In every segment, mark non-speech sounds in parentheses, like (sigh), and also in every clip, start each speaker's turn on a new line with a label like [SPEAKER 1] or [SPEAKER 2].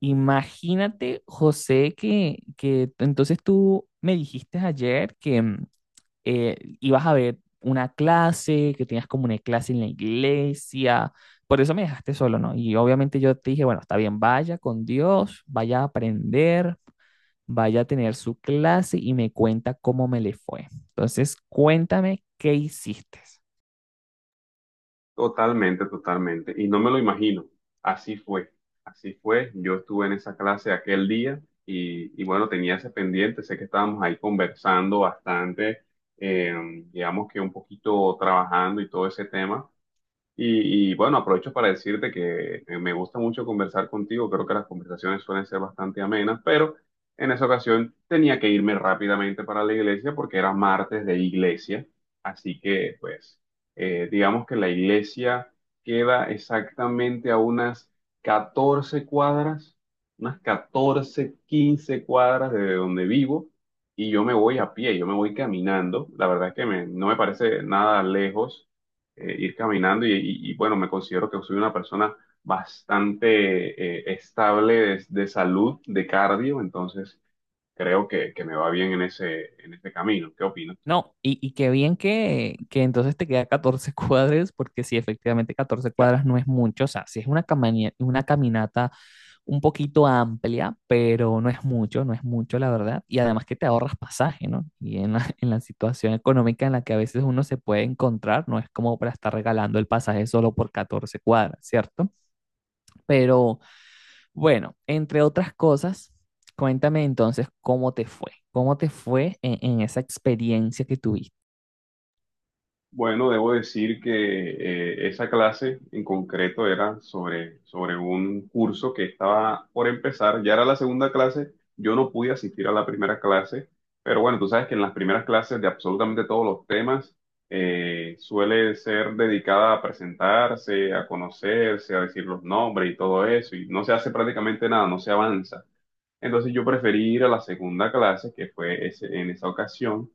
[SPEAKER 1] Imagínate, José, entonces tú me dijiste ayer que ibas a ver una clase, que tenías como una clase en la iglesia, por eso me dejaste solo, ¿no? Y obviamente yo te dije, bueno, está bien, vaya con Dios, vaya a aprender, vaya a tener su clase y me cuenta cómo me le fue. Entonces, cuéntame qué hiciste.
[SPEAKER 2] Totalmente, totalmente. Y no me lo imagino. Así fue. Así fue. Yo estuve en esa clase aquel día y bueno, tenía ese pendiente. Sé que estábamos ahí conversando bastante, eh, digamos que un poquito trabajando y todo ese tema. Bueno, aprovecho para decirte que me gusta mucho conversar contigo, creo que las conversaciones suelen ser bastante amenas, pero en esa ocasión tenía que irme rápidamente para la iglesia porque era martes de iglesia, así que pues digamos que la iglesia queda exactamente a unas 14 cuadras, unas 14 15 cuadras de donde vivo y yo me voy a pie, yo me voy caminando, la verdad es que no me parece nada lejos ir caminando y, bueno, me considero que soy una persona bastante estable de salud, de cardio, entonces creo que me va bien en ese camino. ¿Qué opinas?
[SPEAKER 1] No, y qué bien que entonces te queda 14 (laughs) cuadras, porque sí, efectivamente 14 cuadras no es mucho, o sea, sí es una caminata un poquito amplia, pero no es mucho, no es mucho, la verdad, y además que te ahorras pasaje, ¿no? Y en la, (laughs) en la situación económica en la que a veces uno se puede encontrar, no es como para estar regalando el pasaje solo por 14 cuadras, ¿cierto? Pero bueno, entre otras cosas, cuéntame entonces cómo te fue en esa experiencia que tuviste.
[SPEAKER 2] Bueno, debo decir que esa clase en concreto era sobre, sobre un curso que estaba por empezar, ya era la segunda clase, yo no pude asistir a la primera clase, pero bueno, tú sabes que en las primeras clases de absolutamente todos los temas suele ser dedicada a presentarse, a conocerse, a decir los nombres y todo eso, y no se hace prácticamente nada, no se avanza. Entonces yo preferí ir a la segunda clase, que fue en esa ocasión,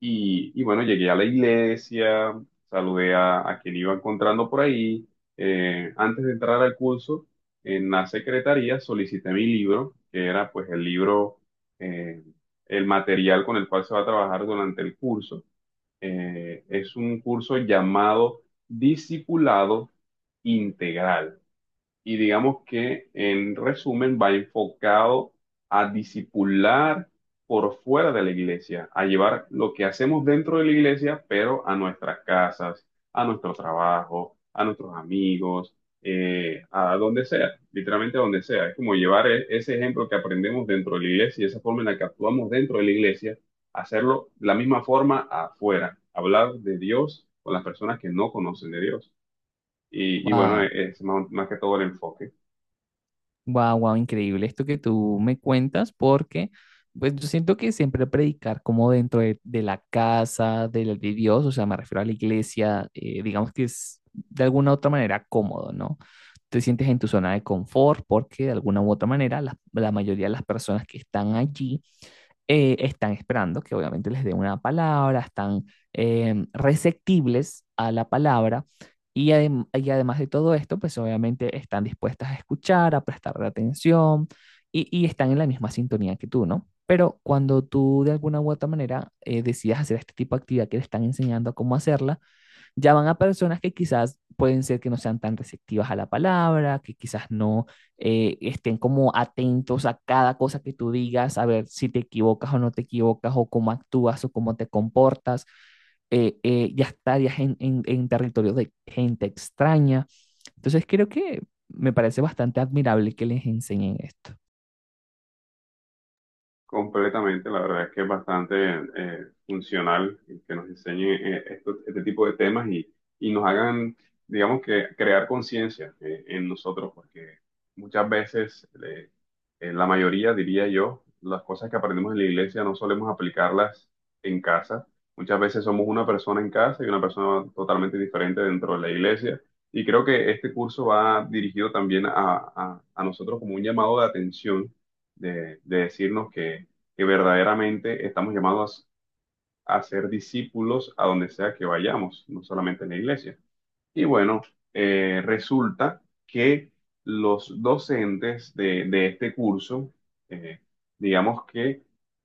[SPEAKER 2] y bueno, llegué a la iglesia, saludé a quien iba encontrando por ahí. Antes de entrar al curso, en la secretaría solicité mi libro, que era pues el libro, eh, el material con el cual se va a trabajar durante el curso. Es un curso llamado Discipulado Integral y digamos que en resumen va enfocado a discipular por fuera de la iglesia, a llevar lo que hacemos dentro de la iglesia, pero a nuestras casas, a nuestro trabajo, a nuestros amigos, a donde sea, literalmente a donde sea. Es como llevar ese ejemplo que aprendemos dentro de la iglesia y esa forma en la que actuamos dentro de la iglesia, hacerlo de la misma forma afuera, hablar de Dios con las personas que no conocen de Dios. Y bueno,
[SPEAKER 1] Wow,
[SPEAKER 2] es más, más que todo el enfoque.
[SPEAKER 1] wow, wow, increíble esto que tú me cuentas, porque pues yo siento que siempre predicar como dentro de la casa, del de Dios, o sea, me refiero a la iglesia, digamos que es de alguna u otra manera cómodo, ¿no? Te sientes en tu zona de confort porque de alguna u otra manera la mayoría de las personas que están allí están esperando que obviamente les dé una palabra, están receptibles a la palabra, y además de todo esto, pues obviamente están dispuestas a escuchar, a prestar atención y están en la misma sintonía que tú, ¿no? Pero cuando tú de alguna u otra manera decidas hacer este tipo de actividad que te están enseñando a cómo hacerla, ya van a personas que quizás pueden ser que no sean tan receptivas a la palabra, que quizás no estén como atentos a cada cosa que tú digas, a ver si te equivocas o no te equivocas, o cómo actúas o cómo te comportas. Ya estarías en, territorios de gente extraña. Entonces creo que me parece bastante admirable que les enseñen esto.
[SPEAKER 2] Completamente, la verdad es que es bastante funcional que nos enseñen este tipo de temas y nos hagan, digamos que, crear conciencia en nosotros, porque muchas veces, en la mayoría, diría yo, las cosas que aprendemos en la iglesia no solemos aplicarlas en casa. Muchas veces somos una persona en casa y una persona totalmente diferente dentro de la iglesia. Y creo que este curso va dirigido también a, a nosotros como un llamado de atención de decirnos que verdaderamente estamos llamados a ser discípulos a donde sea que vayamos, no solamente en la iglesia. Y bueno, resulta que los docentes de este curso, eh, digamos que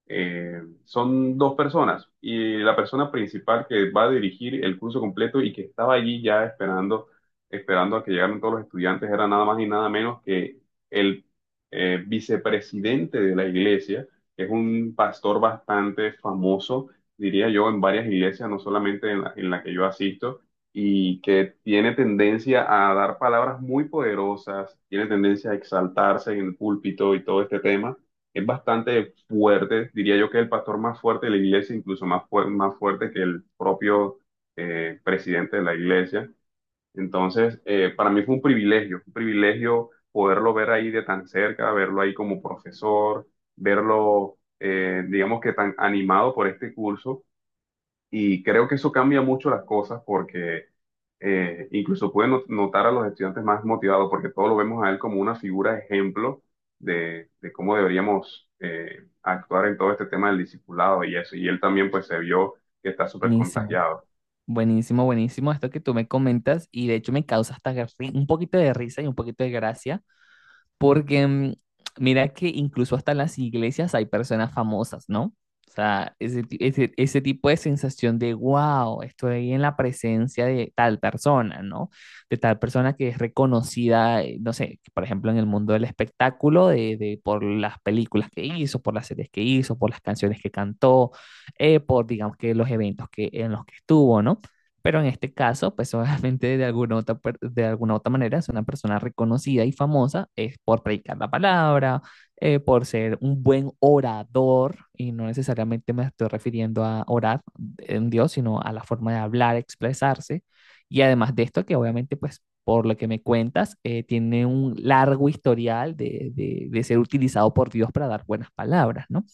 [SPEAKER 2] son dos personas y la persona principal que va a dirigir el curso completo y que estaba allí ya esperando, esperando a que llegaran todos los estudiantes era nada más y nada menos que el vicepresidente de la iglesia, que es un pastor bastante famoso, diría yo, en varias iglesias, no solamente en la que yo asisto y que tiene tendencia a dar palabras muy poderosas, tiene tendencia a exaltarse en el púlpito y todo este tema. Es bastante fuerte, diría yo que es el pastor más fuerte de la iglesia, incluso más, más fuerte que el propio presidente de la iglesia. Entonces, para mí fue un privilegio poderlo ver ahí de tan cerca, verlo ahí como profesor, verlo, digamos que tan animado por este curso y creo que eso cambia mucho las cosas porque incluso puede notar a los estudiantes más motivados porque todos lo vemos a él como una figura ejemplo de cómo deberíamos actuar en todo este tema del discipulado y eso. Y él también pues se vio que está súper
[SPEAKER 1] Buenísimo,
[SPEAKER 2] contagiado.
[SPEAKER 1] buenísimo, buenísimo esto que tú me comentas y de hecho me causa hasta un poquito de risa y un poquito de gracia. Porque mira que incluso hasta en las iglesias hay personas famosas, ¿no? O sea, ese tipo de sensación de, wow, estoy en la presencia de tal persona, ¿no? De tal persona que es reconocida, no sé, por ejemplo, en el mundo del espectáculo, por las películas que hizo, por las series que hizo, por las canciones que cantó, por, digamos que, los eventos que, en los que estuvo, ¿no? Pero en este caso, pues obviamente de alguna otra manera es una persona reconocida y famosa es por predicar la palabra, por ser un buen orador, y no necesariamente me estoy refiriendo a orar en Dios, sino a la forma de hablar, expresarse. Y además de esto, que obviamente, pues por lo que me cuentas, tiene un largo historial de, de ser utilizado por Dios para dar buenas palabras, ¿no?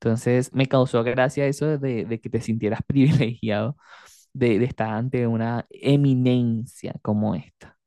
[SPEAKER 1] Entonces, me causó gracia eso de que te sintieras (laughs) privilegiado de estar ante una eminencia como esta.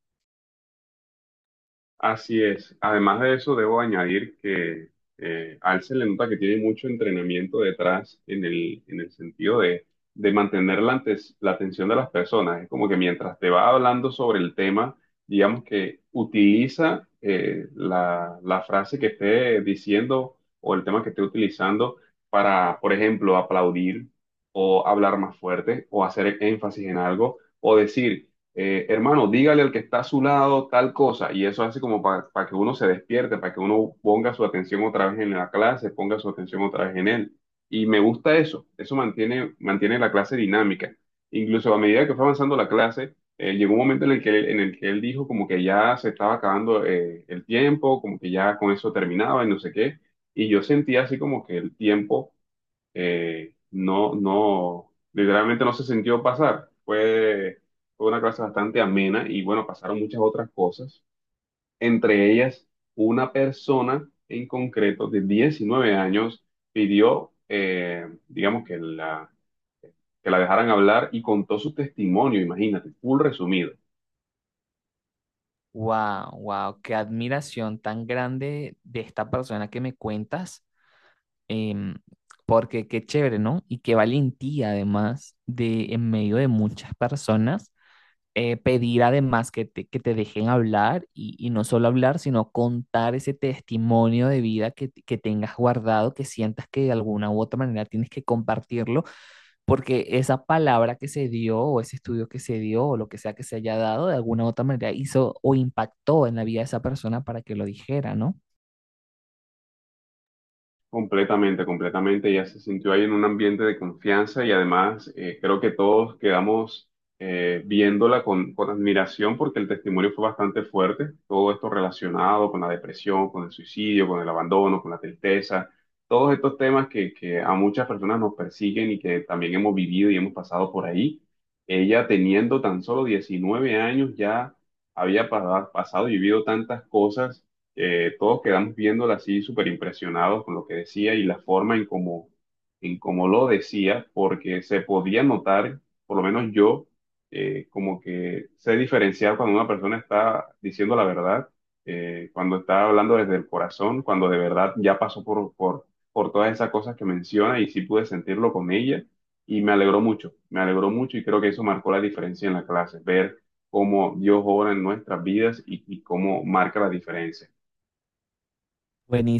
[SPEAKER 2] Así es. Además de eso, debo añadir que a él se le nota que tiene mucho entrenamiento detrás en el sentido de mantener la, la atención de las personas. Es como que mientras te va hablando sobre el tema, digamos que utiliza la, la frase que esté diciendo o el tema que esté utilizando para, por ejemplo, aplaudir o hablar más fuerte o hacer énfasis en algo o decir hermano, dígale al que está a su lado tal cosa, y eso hace como para que uno se despierte, para que uno ponga su atención otra vez en la clase, ponga su atención otra vez en él. Y me gusta eso, eso mantiene, mantiene la clase dinámica. Incluso a medida que fue avanzando la clase, llegó un momento en el que él, en el que él dijo como que ya se estaba acabando el tiempo, como que ya con eso terminaba y no sé qué, y yo sentía así como que el tiempo no, literalmente no se sintió pasar. Fue, fue una clase bastante amena y bueno, pasaron muchas otras cosas. Entre ellas, una persona en concreto de 19 años pidió, digamos, que la dejaran hablar y contó su testimonio, imagínate, full resumido.
[SPEAKER 1] Wow, wow, qué admiración tan grande de esta persona que me cuentas, em, porque qué chévere, ¿no? Y qué valentía además de en medio de muchas personas pedir además que te dejen hablar y no solo hablar, sino contar ese testimonio de vida que tengas guardado, que sientas que de alguna u otra manera tienes que compartirlo porque esa palabra que se dio o ese estudio que se dio o lo que sea que se haya dado, de alguna u otra manera hizo o impactó en la vida de esa persona para que lo dijera, ¿no?
[SPEAKER 2] Completamente, completamente. Ella se sintió ahí en un ambiente de confianza y además creo que todos quedamos viéndola con admiración porque el testimonio fue bastante fuerte. Todo esto relacionado con la depresión, con el suicidio, con el abandono, con la tristeza, todos estos temas que a muchas personas nos persiguen y que también hemos vivido y hemos pasado por ahí. Ella teniendo tan solo 19 años ya había pasado y vivido tantas cosas todos quedamos viéndola así súper impresionados con lo que decía y la forma en cómo lo decía, porque se podía notar, por lo menos yo, como que sé diferenciar cuando una persona está diciendo la verdad, cuando está hablando desde el corazón, cuando de verdad ya pasó por todas esas cosas que menciona y sí pude sentirlo con ella. Y me alegró mucho y creo que eso marcó la diferencia en la clase, ver cómo Dios obra en nuestras vidas y cómo marca la diferencia.